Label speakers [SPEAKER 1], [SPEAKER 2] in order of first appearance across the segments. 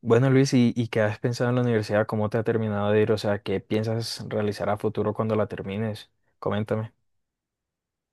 [SPEAKER 1] Bueno, Luis, ¿ qué has pensado en la universidad? ¿Cómo te ha terminado de ir? O sea, ¿qué piensas realizar a futuro cuando la termines? Coméntame.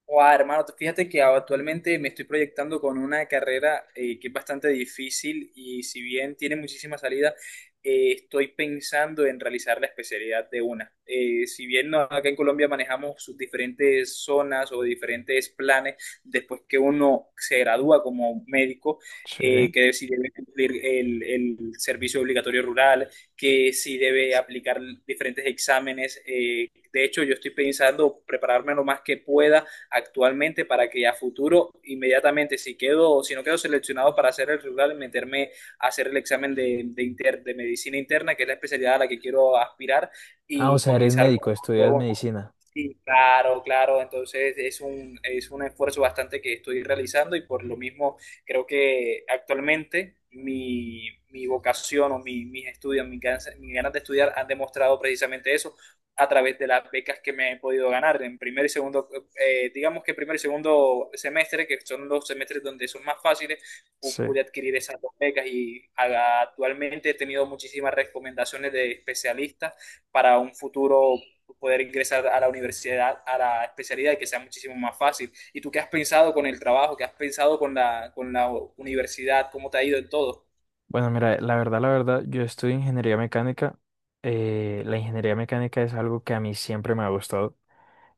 [SPEAKER 2] Guau, hermano, tú fíjate que actualmente me estoy proyectando con una carrera que es bastante difícil y si bien tiene muchísima salida, estoy pensando en realizar la especialidad de una. Si bien acá en Colombia manejamos sus diferentes zonas o diferentes planes, después que uno se gradúa como médico,
[SPEAKER 1] Sí.
[SPEAKER 2] que si debe cumplir el servicio obligatorio rural, que si debe aplicar diferentes exámenes. De hecho, yo estoy pensando prepararme lo más que pueda actualmente para que a futuro, inmediatamente, si quedo, si no quedo seleccionado para hacer el regular, meterme a hacer el examen de medicina interna, que es la especialidad a la que quiero aspirar,
[SPEAKER 1] Ah, o
[SPEAKER 2] y
[SPEAKER 1] sea, eres
[SPEAKER 2] comenzar con.
[SPEAKER 1] médico, estudias medicina.
[SPEAKER 2] Sí, claro, claro. Entonces es es un esfuerzo bastante que estoy realizando y por lo mismo creo que actualmente mi vocación o mis estudios, mis ganas de estudiar han demostrado precisamente eso a través de las becas que me he podido ganar en primer y segundo, digamos que primer y segundo semestre, que son los semestres donde son más fáciles,
[SPEAKER 1] Sí.
[SPEAKER 2] pude adquirir esas dos becas y actualmente he tenido muchísimas recomendaciones de especialistas para un futuro poder ingresar a la universidad, a la especialidad, que sea muchísimo más fácil. ¿Y tú qué has pensado con el trabajo? ¿Qué has pensado con la universidad? ¿Cómo te ha ido en todo?
[SPEAKER 1] Bueno, mira, la verdad, yo estudio ingeniería mecánica. La ingeniería mecánica es algo que a mí siempre me ha gustado.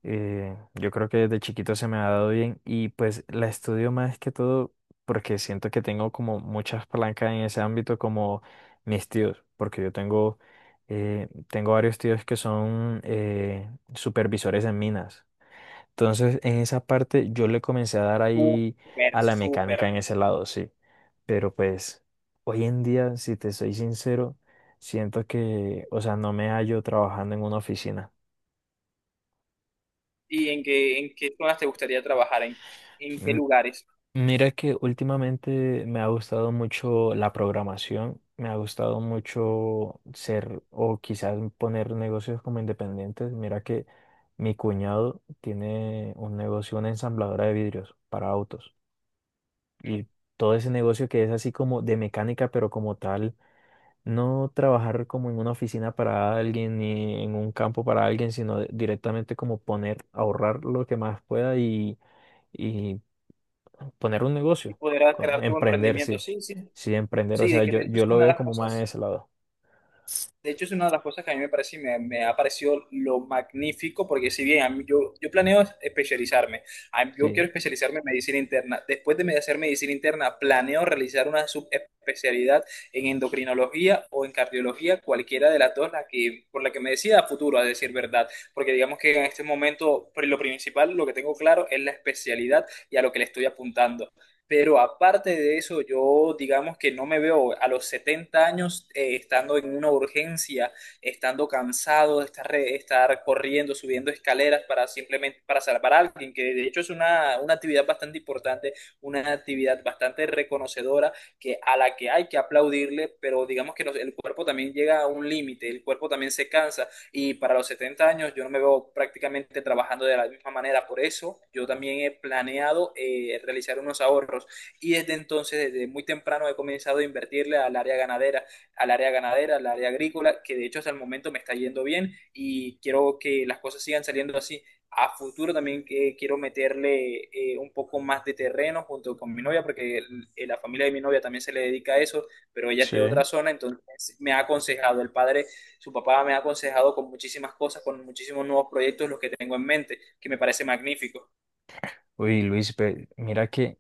[SPEAKER 1] Yo creo que desde chiquito se me ha dado bien y pues la estudio más que todo porque siento que tengo como muchas palancas en ese ámbito como mis tíos, porque yo tengo, tengo varios tíos que son supervisores en minas. Entonces en esa parte yo le comencé a dar ahí
[SPEAKER 2] Súper,
[SPEAKER 1] a la
[SPEAKER 2] súper.
[SPEAKER 1] mecánica en ese lado, sí. Pero pues hoy en día, si te soy sincero, siento que, o sea, no me hallo trabajando en una oficina.
[SPEAKER 2] ¿Y en qué zonas te gustaría trabajar? En qué lugares?
[SPEAKER 1] Mira que últimamente me ha gustado mucho la programación, me ha gustado mucho ser o quizás poner negocios como independientes. Mira que mi cuñado tiene un negocio, una ensambladora de vidrios para autos y todo ese negocio que es así como de mecánica, pero como tal. No trabajar como en una oficina para alguien ni en un campo para alguien, sino directamente como poner, ahorrar lo que más pueda y poner un
[SPEAKER 2] Y
[SPEAKER 1] negocio,
[SPEAKER 2] poder crear tu
[SPEAKER 1] emprender,
[SPEAKER 2] emprendimiento.
[SPEAKER 1] sí.
[SPEAKER 2] Sí, sí,
[SPEAKER 1] Sí, emprender, o
[SPEAKER 2] sí, de
[SPEAKER 1] sea,
[SPEAKER 2] que de
[SPEAKER 1] yo,
[SPEAKER 2] hecho
[SPEAKER 1] yo
[SPEAKER 2] es
[SPEAKER 1] lo
[SPEAKER 2] una de
[SPEAKER 1] veo
[SPEAKER 2] las
[SPEAKER 1] como más de
[SPEAKER 2] cosas.
[SPEAKER 1] ese lado.
[SPEAKER 2] De hecho, es una de las cosas que a mí me parece y me ha parecido lo magnífico, porque si bien a yo, yo planeo especializarme, a yo
[SPEAKER 1] Sí.
[SPEAKER 2] quiero especializarme en medicina interna. Después de hacer medicina interna, planeo realizar una subespecialidad en endocrinología o en cardiología, cualquiera de las dos, la que, por la que me decida a futuro, a decir verdad. Porque digamos que en este momento, pues, lo principal, lo que tengo claro es la especialidad y a lo que le estoy apuntando. Pero aparte de eso, yo digamos que no me veo a los 70 años estando en una urgencia, estando cansado de estar, estar corriendo, subiendo escaleras para simplemente para salvar a alguien, que de hecho es una actividad bastante importante, una actividad bastante reconocedora que a la que hay que aplaudirle, pero digamos que el cuerpo también llega a un límite, el cuerpo también se cansa y para los 70 años yo no me veo prácticamente trabajando de la misma manera. Por eso yo también he planeado realizar unos ahorros y desde entonces, desde muy temprano, he comenzado a invertirle al área ganadera, al área ganadera, al área agrícola, que de hecho hasta el momento me está yendo bien y quiero que las cosas sigan saliendo así a futuro también que quiero meterle un poco más de terreno junto con mi novia, porque la familia de mi novia también se le dedica a eso, pero ella es
[SPEAKER 1] Sí.
[SPEAKER 2] de otra zona, entonces me ha aconsejado el padre su papá me ha aconsejado con muchísimas cosas, con muchísimos nuevos proyectos, los que tengo en mente, que me parece magnífico.
[SPEAKER 1] Uy, Luis, mira que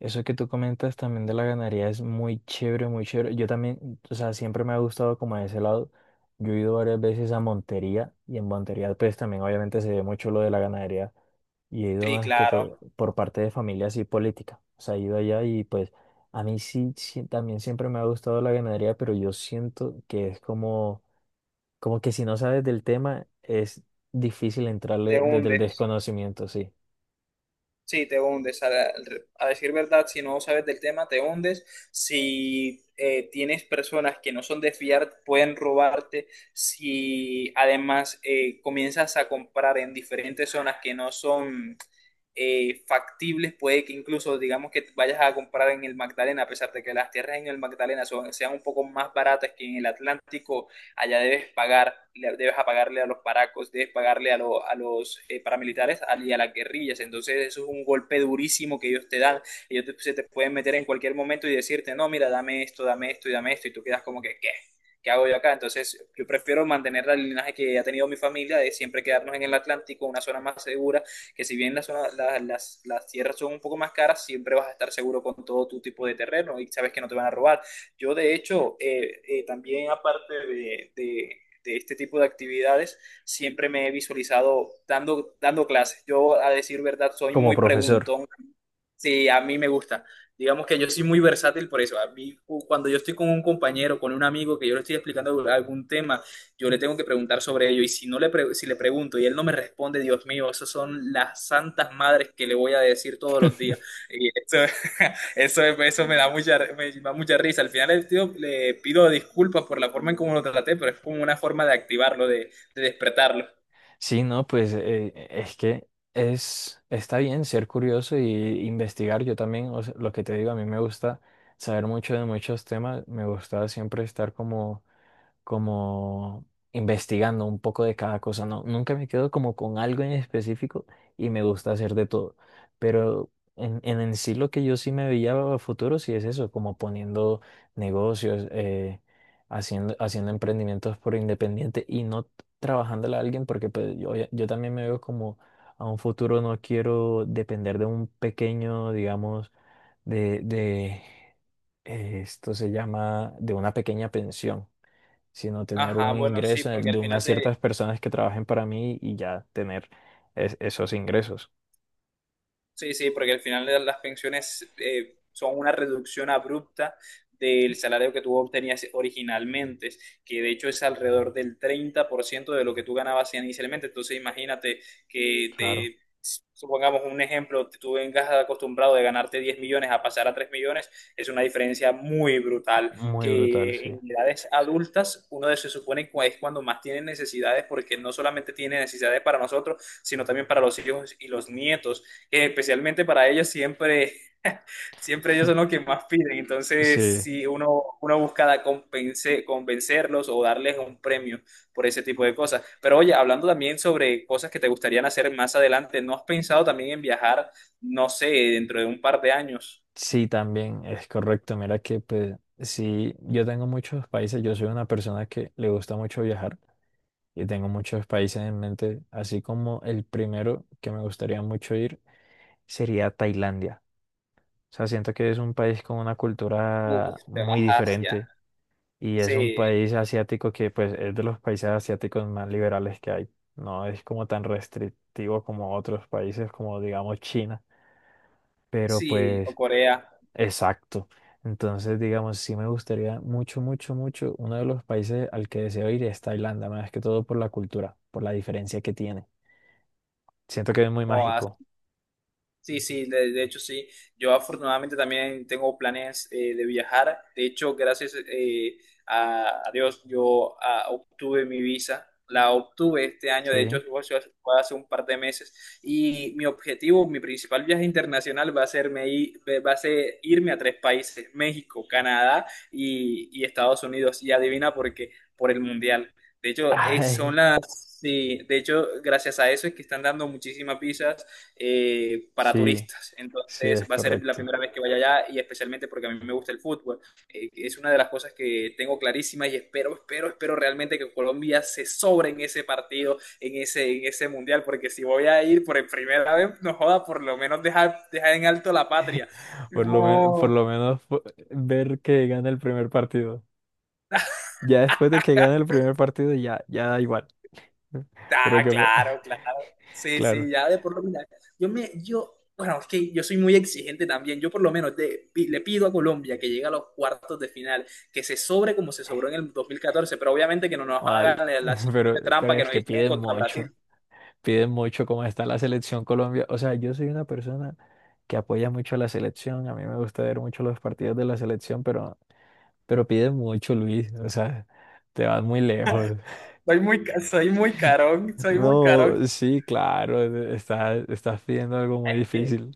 [SPEAKER 1] eso que tú comentas también de la ganadería es muy chévere, muy chévere. Yo también, o sea, siempre me ha gustado como de ese lado. Yo he ido varias veces a Montería y en Montería pues también obviamente se ve mucho lo de la ganadería. Y he ido
[SPEAKER 2] Sí,
[SPEAKER 1] más que
[SPEAKER 2] claro,
[SPEAKER 1] todo por parte de familia así política. O sea, he ido allá y pues a mí sí, sí, también siempre me ha gustado la ganadería, pero yo siento que es como, como que si no sabes del tema es difícil
[SPEAKER 2] te
[SPEAKER 1] entrarle desde el
[SPEAKER 2] hunde.
[SPEAKER 1] desconocimiento, sí.
[SPEAKER 2] Sí, te hundes. A decir verdad, si no sabes del tema, te hundes. Si tienes personas que no son de fiar, pueden robarte. Si además comienzas a comprar en diferentes zonas que no son factibles, puede que incluso digamos que vayas a comprar en el Magdalena, a pesar de que las tierras en el Magdalena sean un poco más baratas que en el Atlántico, allá debes pagar, debes apagarle a los paracos, debes pagarle a, a los paramilitares y a las guerrillas. Entonces eso es un golpe durísimo que ellos te dan. Ellos se te pueden meter en cualquier momento y decirte, no, mira, dame esto, dame esto. Y tú quedas como que, ¿qué? ¿Qué hago yo acá? Entonces, yo prefiero mantener el linaje que ha tenido mi familia de siempre quedarnos en el Atlántico, una zona más segura, que si bien la las tierras son un poco más caras, siempre vas a estar seguro con todo tu tipo de terreno y sabes que no te van a robar. Yo, de hecho, también aparte de este tipo de actividades, siempre me he visualizado dando, dando clases. Yo, a decir verdad, soy
[SPEAKER 1] Como
[SPEAKER 2] muy
[SPEAKER 1] profesor.
[SPEAKER 2] preguntón. Sí, a mí me gusta. Digamos que yo soy muy versátil por eso. A mí, cuando yo estoy con un compañero, con un amigo que yo le estoy explicando algún tema, yo le tengo que preguntar sobre ello. Y si no le si le pregunto y él no me responde, Dios mío, esas son las santas madres que le voy a decir todos los días. Y eso, eso me da mucha risa. Al final el tío le pido disculpas por la forma en cómo lo traté, pero es como una forma de activarlo, de despertarlo.
[SPEAKER 1] Sí, no, pues es que es, está bien ser curioso y investigar. Yo también, o sea, lo que te digo, a mí me gusta saber mucho de muchos temas. Me gusta siempre estar como como investigando un poco de cada cosa, ¿no? Nunca me quedo como con algo en específico y me gusta hacer de todo, pero en sí lo que yo sí me veía a futuro sí es eso, como poniendo negocios, haciendo emprendimientos por independiente y no trabajándole a alguien porque pues, yo también me veo como a un futuro no quiero depender de un pequeño, digamos, de esto se llama, de una pequeña pensión sino tener un
[SPEAKER 2] Ajá, bueno, sí,
[SPEAKER 1] ingreso
[SPEAKER 2] porque
[SPEAKER 1] en de
[SPEAKER 2] al final
[SPEAKER 1] unas
[SPEAKER 2] te,
[SPEAKER 1] ciertas personas que trabajen para mí y ya tener esos ingresos.
[SPEAKER 2] sí, sí, porque al final de las pensiones son una reducción abrupta del salario que tú obtenías originalmente, que de hecho es alrededor del 30% de lo que tú ganabas inicialmente. Entonces imagínate que
[SPEAKER 1] Claro,
[SPEAKER 2] te, supongamos un ejemplo, tú vengas acostumbrado de ganarte 10 millones a pasar a 3 millones, es una diferencia muy brutal,
[SPEAKER 1] muy brutal,
[SPEAKER 2] que
[SPEAKER 1] sí.
[SPEAKER 2] en edades adultas uno se supone que es cuando más tiene necesidades, porque no solamente tiene necesidades para nosotros, sino también para los hijos y los nietos, especialmente para ellos siempre, siempre ellos son los que más piden. Entonces,
[SPEAKER 1] Sí,
[SPEAKER 2] si uno busca convencerlos o darles un premio por ese tipo de cosas. Pero oye, hablando también sobre cosas que te gustarían hacer más adelante, ¿no has pensado también en viajar, no sé, dentro de un par de años?
[SPEAKER 1] sí, también es correcto. Mira que pues, sí, yo tengo muchos países, yo soy una persona que le gusta mucho viajar y tengo muchos países en mente, así como el primero que me gustaría mucho ir sería Tailandia. O sea, siento que es un país con una
[SPEAKER 2] Uf,
[SPEAKER 1] cultura
[SPEAKER 2] te
[SPEAKER 1] muy
[SPEAKER 2] vas a Asia.
[SPEAKER 1] diferente. Y es
[SPEAKER 2] Sí,
[SPEAKER 1] un país asiático que pues es de los países asiáticos más liberales que hay. No es como tan restrictivo como otros países como digamos China, pero
[SPEAKER 2] sí, o
[SPEAKER 1] pues
[SPEAKER 2] Corea,
[SPEAKER 1] exacto. Entonces, digamos, sí me gustaría mucho, mucho, mucho. Uno de los países al que deseo ir es Tailandia, más que todo por la cultura, por la diferencia que tiene. Siento que es muy
[SPEAKER 2] o a.
[SPEAKER 1] mágico.
[SPEAKER 2] Sí, sí, de hecho sí. Yo afortunadamente también tengo planes de viajar. De hecho, gracias a Dios, yo obtuve mi visa. La obtuve este año, de hecho,
[SPEAKER 1] Sí.
[SPEAKER 2] fue hace un par de meses. Y mi objetivo, mi principal viaje internacional va a ser irme a tres países, México, Canadá y Estados Unidos. Y adivina por qué, por el Mundial. De hecho, son
[SPEAKER 1] Ay,
[SPEAKER 2] las... Sí, de hecho, gracias a eso es que están dando muchísimas visas para
[SPEAKER 1] sí,
[SPEAKER 2] turistas.
[SPEAKER 1] sí
[SPEAKER 2] Entonces
[SPEAKER 1] es
[SPEAKER 2] va a ser la
[SPEAKER 1] correcto.
[SPEAKER 2] primera vez que vaya allá y especialmente porque a mí me gusta el fútbol. Es una de las cosas que tengo clarísimas y espero, espero, espero realmente que Colombia se sobre en ese partido, en ese mundial, porque si voy a ir por primera vez, no joda, por lo menos dejar, dejar en alto la patria.
[SPEAKER 1] Por lo, por
[SPEAKER 2] No,
[SPEAKER 1] lo menos ver que gana el primer partido. Ya después de que gane el primer partido, ya, ya da igual.
[SPEAKER 2] ah,
[SPEAKER 1] Pero que,
[SPEAKER 2] claro, claro. Sí, sí,
[SPEAKER 1] claro,
[SPEAKER 2] ya de por lo menos. Bueno, es que yo soy muy exigente también. Yo por lo menos le pido a Colombia que llegue a los cuartos de final, que se sobre como se sobró en el 2014 pero obviamente que no nos
[SPEAKER 1] al-
[SPEAKER 2] hagan la siguiente
[SPEAKER 1] pero
[SPEAKER 2] trampa que
[SPEAKER 1] es
[SPEAKER 2] nos
[SPEAKER 1] que
[SPEAKER 2] hicieron contra Brasil.
[SPEAKER 1] piden mucho como está la selección Colombia. O sea, yo soy una persona que apoya mucho a la selección, a mí me gusta ver mucho los partidos de la selección, pero piden mucho, Luis. O sea, te vas muy lejos.
[SPEAKER 2] Soy muy, soy muy carón, soy muy
[SPEAKER 1] No,
[SPEAKER 2] carón.
[SPEAKER 1] sí, claro, estás, estás pidiendo algo muy difícil.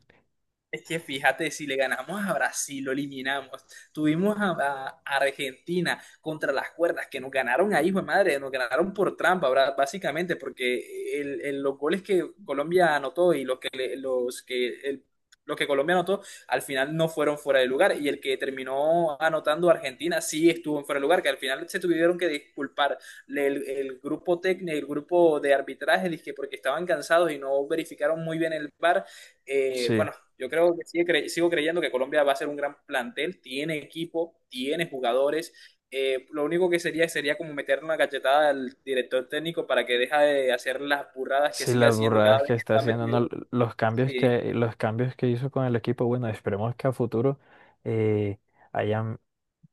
[SPEAKER 2] Es que fíjate, si le ganamos a Brasil, lo eliminamos. Tuvimos a Argentina contra las cuerdas, que nos ganaron ahí, hijo de madre, nos ganaron por trampa, básicamente, porque los goles que Colombia anotó y los que, le- los que, el- los que Colombia anotó al final no fueron fuera de lugar. Y el que terminó anotando Argentina sí estuvo en fuera de lugar, que al final se tuvieron que disculpar el grupo técnico, el grupo de arbitraje, dizque porque estaban cansados y no verificaron muy bien el VAR.
[SPEAKER 1] Sí.
[SPEAKER 2] Bueno, yo creo que sigo creyendo que Colombia va a ser un gran plantel, tiene equipo, tiene jugadores. Lo único que sería como meterle una cachetada al director técnico para que deje de hacer las burradas que
[SPEAKER 1] Sí,
[SPEAKER 2] sigue
[SPEAKER 1] las
[SPEAKER 2] haciendo cada
[SPEAKER 1] burradas
[SPEAKER 2] vez
[SPEAKER 1] que
[SPEAKER 2] que
[SPEAKER 1] está
[SPEAKER 2] está
[SPEAKER 1] haciendo,
[SPEAKER 2] metido.
[SPEAKER 1] no,
[SPEAKER 2] Sí,
[SPEAKER 1] los cambios que hizo con el equipo, bueno, esperemos que a futuro eh, hayan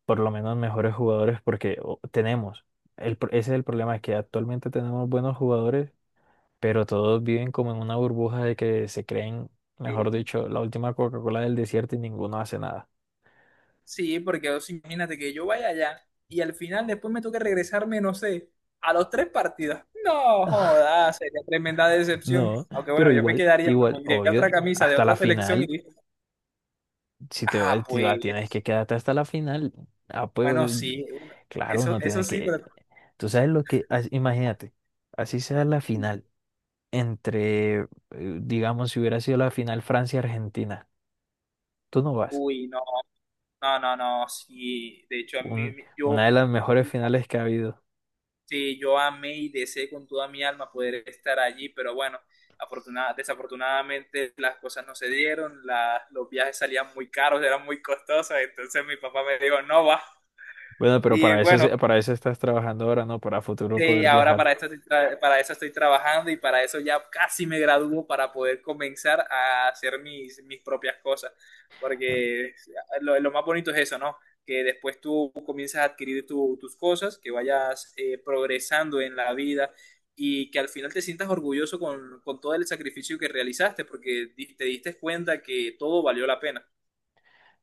[SPEAKER 1] por lo menos mejores jugadores, porque tenemos, ese es el problema, que actualmente tenemos buenos jugadores, pero todos viven como en una burbuja de que se creen, mejor
[SPEAKER 2] sí,
[SPEAKER 1] dicho, la última Coca-Cola del desierto y ninguno hace nada.
[SPEAKER 2] sí, porque o sea, imagínate que yo vaya allá y al final después me toque regresarme, no sé, a los tres partidos. No, joda, sería tremenda decepción.
[SPEAKER 1] No,
[SPEAKER 2] Aunque
[SPEAKER 1] pero
[SPEAKER 2] bueno, yo me
[SPEAKER 1] igual,
[SPEAKER 2] quedaría, me
[SPEAKER 1] igual,
[SPEAKER 2] pondría
[SPEAKER 1] obvio,
[SPEAKER 2] otra camisa de
[SPEAKER 1] hasta
[SPEAKER 2] otra
[SPEAKER 1] la
[SPEAKER 2] selección y
[SPEAKER 1] final. Si te
[SPEAKER 2] ah,
[SPEAKER 1] vas, si vas, tienes
[SPEAKER 2] pues.
[SPEAKER 1] que quedarte hasta la final. Ah, pues,
[SPEAKER 2] Bueno, sí,
[SPEAKER 1] claro,
[SPEAKER 2] eso,
[SPEAKER 1] no
[SPEAKER 2] eso
[SPEAKER 1] tienes
[SPEAKER 2] sí,
[SPEAKER 1] que.
[SPEAKER 2] pero...
[SPEAKER 1] Tú sabes lo que. Imagínate, así sea la final. Entre, digamos, si hubiera sido la final Francia-Argentina, tú no vas.
[SPEAKER 2] Uy, no, no, no, no, sí. De hecho, a mí,
[SPEAKER 1] Un- una
[SPEAKER 2] yo,
[SPEAKER 1] de las mejores finales que ha habido.
[SPEAKER 2] sí, yo amé y deseé con toda mi alma poder estar allí, pero bueno, desafortunadamente las cosas no se dieron, los viajes salían muy caros, eran muy costosos, entonces mi papá me dijo, no va.
[SPEAKER 1] Bueno, pero
[SPEAKER 2] Y
[SPEAKER 1] para eso,
[SPEAKER 2] bueno.
[SPEAKER 1] para eso estás trabajando ahora, ¿no? Para futuro
[SPEAKER 2] Sí,
[SPEAKER 1] poder
[SPEAKER 2] ahora
[SPEAKER 1] viajar.
[SPEAKER 2] para esto para eso estoy trabajando y para eso ya casi me gradúo para poder comenzar a hacer mis propias cosas. Porque lo más bonito es eso, ¿no? Que después tú comienzas a adquirir tus cosas, que vayas progresando en la vida y que al final te sientas orgulloso con todo el sacrificio que realizaste, porque te diste cuenta que todo valió la pena.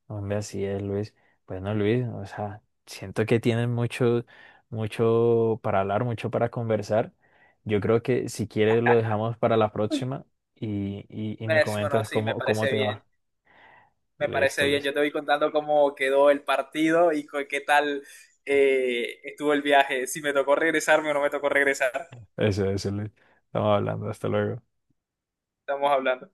[SPEAKER 1] Hombre, así es, Luis. Bueno, Luis, o sea, siento que tienen mucho, mucho para hablar, mucho para conversar. Yo creo que si quieres lo dejamos para la
[SPEAKER 2] Me-
[SPEAKER 1] próxima y me
[SPEAKER 2] Bueno,
[SPEAKER 1] comentas
[SPEAKER 2] sí, me
[SPEAKER 1] cómo, cómo
[SPEAKER 2] parece
[SPEAKER 1] te
[SPEAKER 2] bien.
[SPEAKER 1] va.
[SPEAKER 2] Me parece
[SPEAKER 1] Listo,
[SPEAKER 2] bien, yo
[SPEAKER 1] Luis.
[SPEAKER 2] te voy contando cómo quedó el partido y qué tal estuvo el viaje, si me tocó regresarme o no me tocó regresar.
[SPEAKER 1] Eso, Luis. Estamos hablando. Hasta luego.
[SPEAKER 2] Estamos hablando.